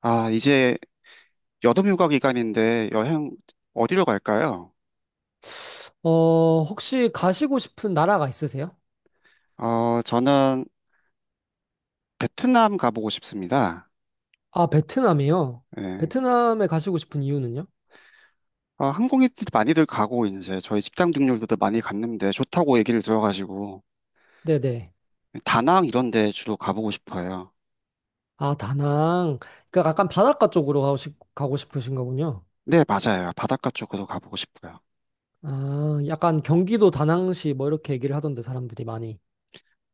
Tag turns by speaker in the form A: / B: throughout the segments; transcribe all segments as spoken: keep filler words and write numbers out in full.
A: 아, 이제 여름 휴가 기간인데 여행 어디로 갈까요?
B: 어, 혹시 가시고 싶은 나라가 있으세요?
A: 어, 저는 베트남 가보고 싶습니다.
B: 아, 베트남이요.
A: 예.
B: 베트남에 가시고 싶은 이유는요?
A: 아, 한국인들 많이들 가고 이제 저희 직장 동료들도 많이 갔는데 좋다고 얘기를 들어가지고
B: 네네.
A: 다낭 이런 데 주로 가보고 싶어요.
B: 아, 다낭. 그러니까 약간 바닷가 쪽으로 가고, 싶, 가고 싶으신 거군요.
A: 네, 맞아요. 바닷가 쪽으로 가보고 싶어요.
B: 아, 약간 경기도 다낭시 뭐 이렇게 얘기를 하던데 사람들이 많이.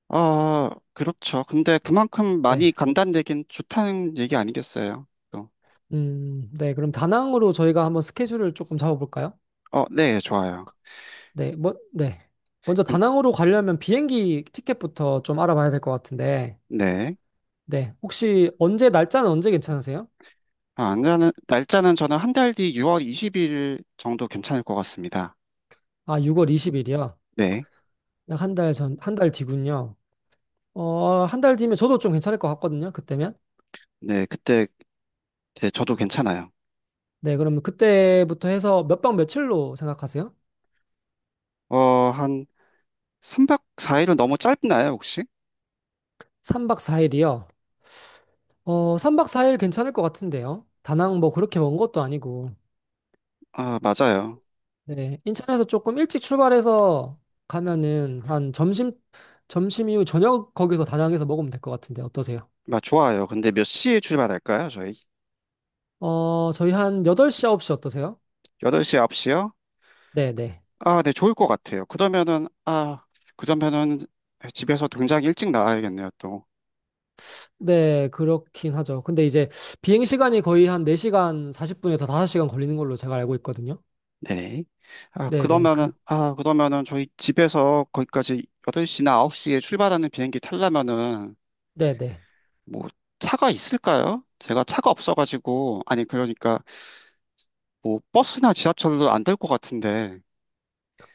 A: 아, 그렇죠. 근데 그만큼
B: 네.
A: 많이 간다는 얘기는 좋다는 얘기 아니겠어요? 또.
B: 음, 네. 그럼 다낭으로 저희가 한번 스케줄을 조금 잡아볼까요?
A: 어, 네, 좋아요.
B: 네. 뭐, 네. 먼저
A: 근-
B: 다낭으로 가려면 비행기 티켓부터 좀 알아봐야 될 것 같은데.
A: 네.
B: 네. 혹시 언제, 날짜는 언제 괜찮으세요?
A: 아, 안 가는, 날짜는 저는 한 달 뒤 유월 이십 일 정도 괜찮을 것 같습니다.
B: 아, 유월 이십 일이요?
A: 네.
B: 약 한 달 전, 한 달 뒤군요. 어, 한 달 뒤면 저도 좀 괜찮을 것 같거든요. 그때면.
A: 네, 그때, 네, 저도 괜찮아요.
B: 네, 그러면 그때부터 해서 몇 박 며칠로 생각하세요?
A: 어, 한 삼 박 사 일은 너무 짧나요, 혹시?
B: 삼 박 사 일이요. 어, 삼 박 사 일 괜찮을 것 같은데요. 다낭 뭐 그렇게 먼 것도 아니고.
A: 아, 맞아요.
B: 네, 인천에서 조금 일찍 출발해서 가면은 한 점심, 점심 이후 저녁 거기서 다낭에서 먹으면 될 것 같은데 어떠세요?
A: 아, 좋아요. 근데 몇 시에 출발할까요, 저희?
B: 어, 저희 한 여덟 시, 아홉 시 어떠세요?
A: 여덟 시, 아홉 시요?
B: 네, 네.
A: 아, 네, 좋을 것 같아요. 그러면은, 아, 그러면은 집에서 굉장히 일찍 나와야겠네요, 또.
B: 네, 그렇긴 하죠. 근데 이제 비행 시간이 거의 한 네 시간 사십 분에서 다섯 시간 걸리는 걸로 제가 알고 있거든요.
A: 네. 아,
B: 네, 네.
A: 그러면은,
B: 그
A: 아, 그러면은 저희 집에서 거기까지 여덟 시나 아홉 시에 출발하는 비행기 타려면은
B: 네, 네.
A: 뭐 차가 있을까요? 제가 차가 없어가지고 아니 그러니까 뭐 버스나 지하철도 안 될 것 같은데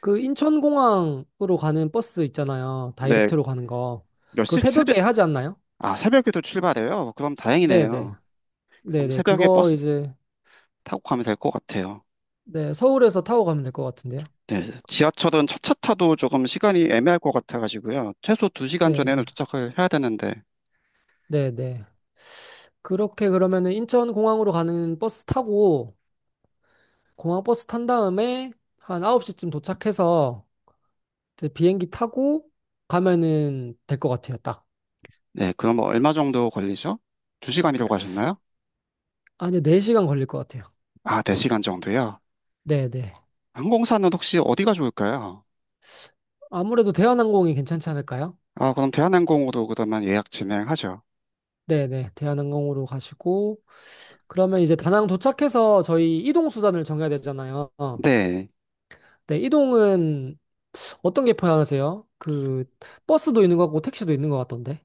B: 그 인천공항으로 가는 버스 있잖아요.
A: 네.
B: 다이렉트로 가는 거.
A: 몇
B: 그
A: 시 새벽.
B: 새벽에 하지 않나요?
A: 아, 새벽에도 출발해요? 그럼
B: 네, 네.
A: 다행이네요.
B: 네,
A: 그럼
B: 네.
A: 새벽에
B: 그거
A: 버스
B: 이제
A: 타고 가면 될 것 같아요.
B: 네, 서울에서 타고 가면 될 것 같은데요.
A: 네, 지하철은 첫차 타도 조금 시간이 애매할 것 같아가지고요. 최소 두 시간
B: 네.
A: 전에는 도착을 해야 되는데.
B: 네, 네. 그렇게 그러면은 인천공항으로 가는 버스 타고 공항 버스 탄 다음에 한 아홉 시쯤 도착해서 이제 비행기 타고 가면은 될 것 같아요. 딱.
A: 네, 그럼 뭐 얼마 정도 걸리죠? 두 시간이라고 하셨나요?
B: 아니요, 네 시간 걸릴 것 같아요.
A: 아, 네 시간 정도요?
B: 네네.
A: 항공사는 혹시 어디가 좋을까요?
B: 아무래도 대한항공이 괜찮지 않을까요?
A: 아, 그럼 대한항공으로 그러면 예약 진행하죠.
B: 네네. 대한항공으로 가시고, 그러면 이제 다낭 도착해서 저희 이동 수단을 정해야 되잖아요.
A: 네.
B: 네, 이동은 어떤 게 편하세요? 그, 버스도 있는 것 같고, 택시도 있는 것 같던데.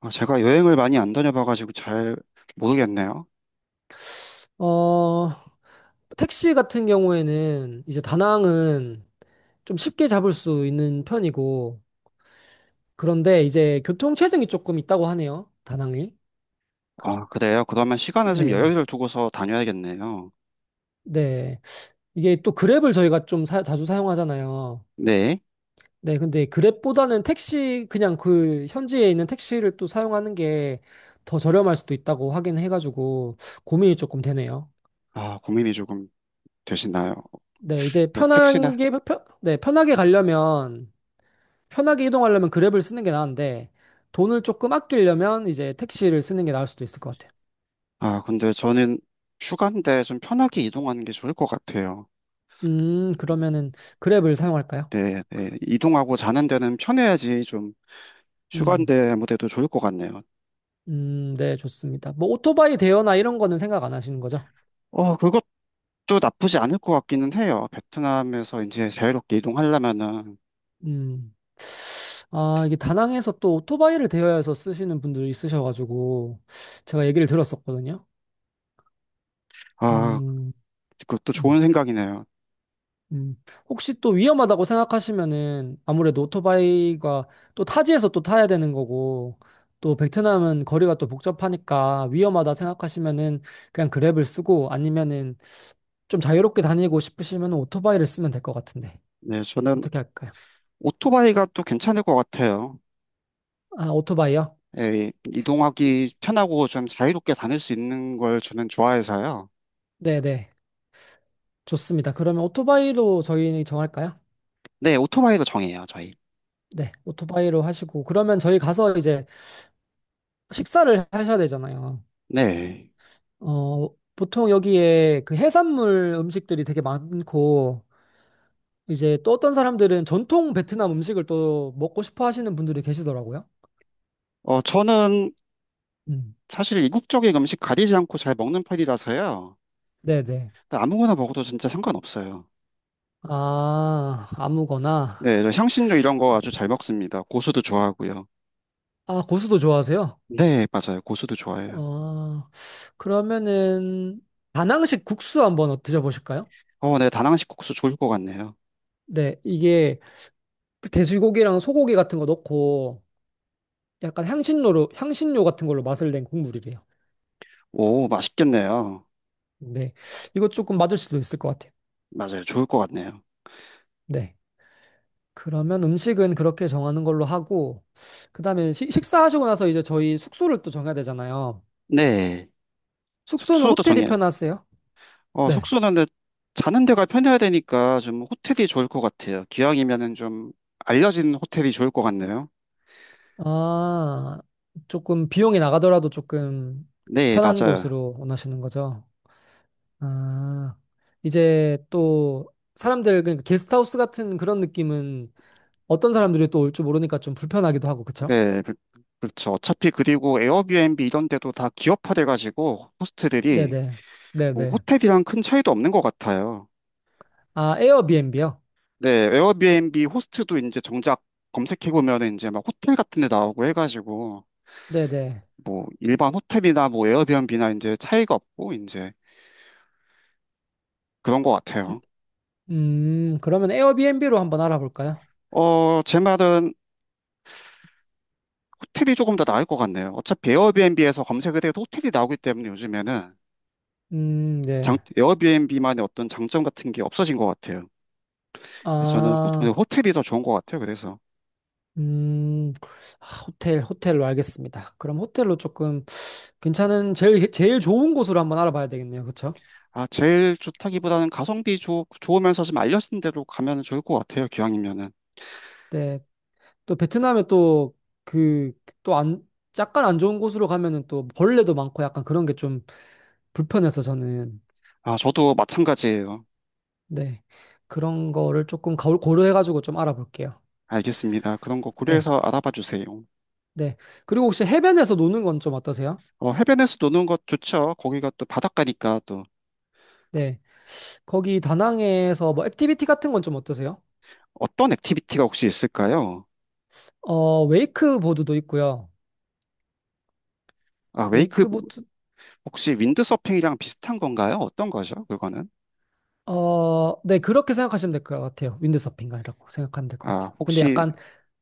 A: 아, 제가 여행을 많이 안 다녀봐가지고 잘 모르겠네요.
B: 어, 택시 같은 경우에는 이제 다낭은 좀 쉽게 잡을 수 있는 편이고, 그런데 이제 교통 체증이 조금 있다고 하네요. 다낭이.
A: 아, 그래요? 그러면 시간을 좀
B: 네,
A: 여유를 두고서 다녀야겠네요.
B: 네. 이게 또 그랩을 저희가 좀 사- 자주 사용하잖아요.
A: 네.
B: 네, 근데 그랩보다는 택시, 그냥 그 현지에 있는 택시를 또 사용하는 게 더 저렴할 수도 있다고 하긴 해가지고 고민이 조금 되네요.
A: 아, 고민이 조금 되시나요?
B: 네, 이제
A: 네, 택시나?
B: 편한 게, 편, 네, 편하게 가려면, 편하게 이동하려면 그랩을 쓰는 게 나은데 돈을 조금 아끼려면 이제 택시를 쓰는 게 나을 수도 있을 것 같아요.
A: 아, 근데 저는 휴가인데 좀 편하게 이동하는 게 좋을 것 같아요.
B: 음, 그러면은 그랩을 사용할까요?
A: 네, 네. 이동하고 자는 데는 편해야지 좀
B: 음,
A: 휴가인데 아무데도 좋을 것 같네요.
B: 음, 네, 좋습니다. 뭐 오토바이 대여나 이런 거는 생각 안 하시는 거죠?
A: 어, 그것도 나쁘지 않을 것 같기는 해요. 베트남에서 이제 자유롭게 이동하려면은.
B: 음. 아, 이게 다낭에서 또 오토바이를 대여해서 쓰시는 분들이 있으셔가지고, 제가 얘기를 들었었거든요.
A: 아,
B: 음,
A: 그것도
B: 음,
A: 좋은 생각이네요.
B: 음. 혹시 또 위험하다고 생각하시면은, 아무래도 오토바이가 또 타지에서 또 타야 되는 거고, 또 베트남은 거리가 또 복잡하니까 위험하다 생각하시면은 그냥 그랩을 쓰고 아니면은 좀 자유롭게 다니고 싶으시면 오토바이를 쓰면 될 것 같은데.
A: 네, 저는
B: 어떻게 할까요?
A: 오토바이가 또 괜찮을 것 같아요.
B: 아, 오토바이요?
A: 예, 이동하기 편하고 좀 자유롭게 다닐 수 있는 걸 저는 좋아해서요.
B: 네네. 좋습니다. 그러면 오토바이로 저희 정할까요?
A: 네, 오토바이로 정해요, 저희.
B: 네, 오토바이로 하시고 그러면 저희 가서 이제 식사를 하셔야 되잖아요.
A: 네.
B: 어, 보통 여기에 그 해산물 음식들이 되게 많고 이제 또 어떤 사람들은 전통 베트남 음식을 또 먹고 싶어 하시는 분들이 계시더라고요.
A: 어, 저는
B: 음.
A: 사실 이국적인 음식 가리지 않고 잘 먹는 편이라서요.
B: 네, 네.
A: 아무거나 먹어도 진짜 상관없어요.
B: 아, 아무거나.
A: 네, 저 향신료 이런 거 아주 잘 먹습니다. 고수도 좋아하고요.
B: 아, 고수도 좋아하세요?
A: 네, 맞아요. 고수도 좋아해요.
B: 어, 그러면은 다낭식 국수 한번 드셔보실까요?
A: 어, 네, 다낭식 국수 좋을 것 같네요.
B: 네, 이게 그 돼지고기랑 소고기 같은 거 넣고 약간 향신료로, 향신료 같은 걸로 맛을 낸 국물이래요.
A: 오, 맛있겠네요.
B: 네. 이거 조금 맞을 수도 있을 것 같아요.
A: 맞아요. 좋을 것 같네요.
B: 네. 그러면 음식은 그렇게 정하는 걸로 하고, 그 다음에 식사하시고 나서 이제 저희 숙소를 또 정해야 되잖아요.
A: 네.
B: 숙소는
A: 숙소도
B: 호텔이
A: 정해.
B: 편하세요?
A: 어,
B: 네.
A: 숙소는 근데 자는 데가 편해야 되니까 좀 호텔이 좋을 것 같아요. 기왕이면은 좀 알려진 호텔이 좋을 것 같네요.
B: 아, 조금 비용이 나가더라도 조금
A: 네,
B: 편한
A: 맞아요.
B: 곳으로 원하시는 거죠? 아, 이제 또 사람들, 그러니까 게스트하우스 같은 그런 느낌은 어떤 사람들이 또 올 줄 모르니까 좀 불편하기도 하고, 그쵸?
A: 네, 그- 그렇죠. 어차피 그리고 에어비앤비 이런 데도 다 기업화돼가지고 호스트들이
B: 네네.
A: 뭐
B: 네네.
A: 호텔이랑 큰 차이도 없는 것 같아요.
B: 아, 에어비앤비요?
A: 네, 에어비앤비 호스트도 이제 정작 검색해보면 이제 막 호텔 같은 데 나오고 해가지고
B: 네네.
A: 뭐 일반 호텔이나 뭐 에어비앤비나 이제 차이가 없고 이제 그런 것
B: 음,
A: 같아요.
B: 음, 그러면 에어비앤비로 한번 알아볼까요?
A: 어, 제 말은 호텔이 조금 더 나을 것 같네요. 어차피 에어비앤비에서 검색을 해도 호텔이 나오기 때문에 요즘에는
B: 음,
A: 장,
B: 네.
A: 에어비앤비만의 어떤 장점 같은 게 없어진 것 같아요. 저는 호,
B: 아,
A: 호텔이 더 좋은 것 같아요. 그래서.
B: 음, 아, 호텔, 호텔로 알겠습니다. 그럼 호텔로 조금 괜찮은, 제일, 제일 좋은 곳으로 한번 알아봐야 되겠네요. 그쵸?
A: 아, 제일 좋다기보다는 가성비 좋, 좋으면서 좀 알려진 대로 가면 좋을 것 같아요. 기왕이면은.
B: 네. 또 베트남에 또 그, 또 안, 약간 안 좋은 곳으로 가면은 또 벌레도 많고 약간 그런 게 좀 불편해서 저는,
A: 아, 저도 마찬가지예요.
B: 네. 그런 거를 조금 거- 고려해가지고 좀 알아볼게요.
A: 알겠습니다. 그런 거
B: 네.
A: 고려해서 알아봐 주세요.
B: 네. 그리고 혹시 해변에서 노는 건 좀 어떠세요?
A: 어, 해변에서 노는 것 좋죠. 거기가 또 바닷가니까 또.
B: 네. 거기 다낭에서 뭐 액티비티 같은 건 좀 어떠세요?
A: 어떤 액티비티가 혹시 있을까요?
B: 어, 웨이크보드도 있고요.
A: 아, 웨이크.
B: 웨이크보드,
A: 혹시 윈드서핑이랑 비슷한 건가요? 어떤 거죠? 그거는?
B: 어, 네. 그렇게 생각하시면 될 것 같아요. 윈드서핑 이라고 생각하면 될 것
A: 아,
B: 같아요. 근데
A: 혹시,
B: 약간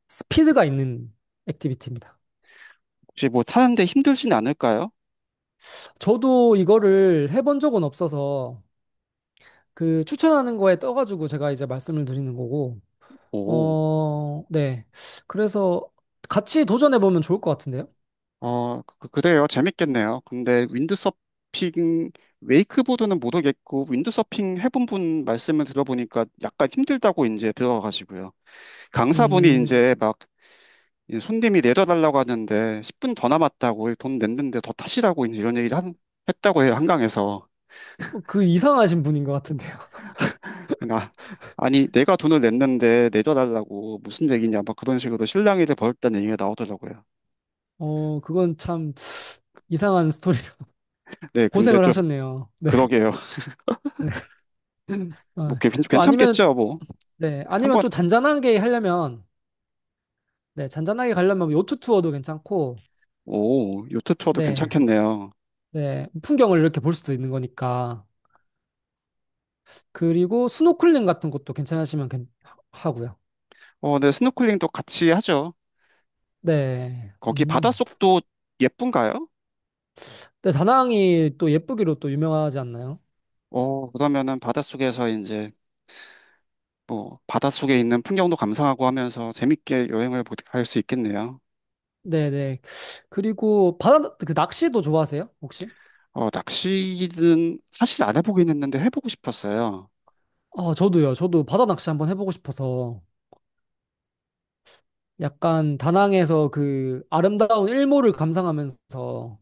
B: 스피드가 있는 액티비티입니다.
A: 혹시 뭐 사는데 힘들진 않을까요?
B: 저도 이거를 해본 적은 없어서 그 추천하는 거에 떠가지고 제가 이제 말씀을 드리는 거고,
A: 오.
B: 어, 네. 그래서 같이 도전해보면 좋을 것 같은데요?
A: 어, 그, 그래요. 재밌겠네요. 근데 윈드서핑, 웨이크보드는 모르겠고, 윈드서핑 해본 분 말씀을 들어보니까 약간 힘들다고 이제 들어가시고요. 강사분이
B: 음.
A: 이제 막 이 손님이 내려달라고 하는데 십 분 더 남았다고 돈 냈는데 더 타시라고 이제 이런 얘기를 한, 했다고 해요. 한강에서.
B: 어, 그 이상하신 분인 것 같은데요.
A: 근데 아, 아니, 내가 돈을 냈는데 내려달라고 무슨 얘기냐. 막 그런 식으로 실랑이를 벌였다는 얘기가 나오더라고요.
B: 어, 그건 참 이상한 스토리로
A: 네, 근데
B: 고생을
A: 좀
B: 하셨네요. 네,
A: 그러게요.
B: 네.
A: 뭐
B: 어,
A: 괜-
B: 뭐 아니면,
A: 괜찮겠죠, 뭐.
B: 네, 아니면
A: 한번.
B: 좀 잔잔하게 하려면, 네, 잔잔하게 가려면 뭐 요트 투어도 괜찮고,
A: 오, 요트 투어도
B: 네,
A: 괜찮겠네요.
B: 네, 풍경을 이렇게 볼 수도 있는 거니까. 그리고 스노클링 같은 것도 괜찮으시면 괜- 하- 하고요.
A: 어, 네, 스노클링도 같이 하죠.
B: 네,
A: 거기
B: 음.
A: 바닷속도 예쁜가요?
B: 네, 다낭이 또 예쁘기로 또 유명하지 않나요?
A: 어, 그러면은 바닷속에서 이제 뭐 바닷속에 있는 풍경도 감상하고 하면서 재밌게 여행을 할 수 있겠네요.
B: 네, 네. 그리고 바다, 그 낚시도 좋아하세요? 혹시?
A: 어, 낚시는 사실 안 해보긴 했는데 해보고 싶었어요.
B: 아, 저도요. 저도 바다 낚시 한번 해보고 싶어서 약간 다낭에서 그 아름다운 일몰을 감상하면서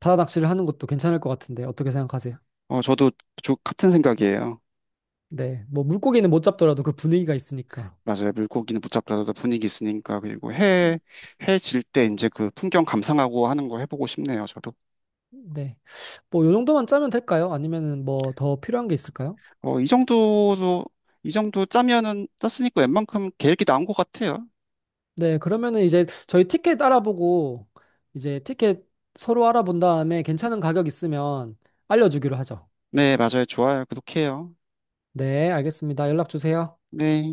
B: 바다 낚시를 하는 것도 괜찮을 것 같은데 어떻게 생각하세요?
A: 어, 저도 저 같은 생각이에요.
B: 네, 뭐 물고기는 못 잡더라도 그 분위기가 있으니까.
A: 맞아요. 물고기는 못 잡더라도 분위기 있으니까 그리고 해 해질 때 이제 그 풍경 감상하고 하는 거 해보고 싶네요. 저도.
B: 네, 뭐 요 정도만 짜면 될까요? 아니면은 뭐 더 필요한 게 있을까요?
A: 어, 이 정도도, 이 정도 짜면은 짰으니까 웬만큼 계획이 나온 것 같아요.
B: 네, 그러면은 이제 저희 티켓 알아보고 이제 티켓 서로 알아본 다음에 괜찮은 가격 있으면 알려주기로 하죠.
A: 네, 맞아요. 좋아요. 구독해요.
B: 네, 알겠습니다. 연락 주세요.
A: 네.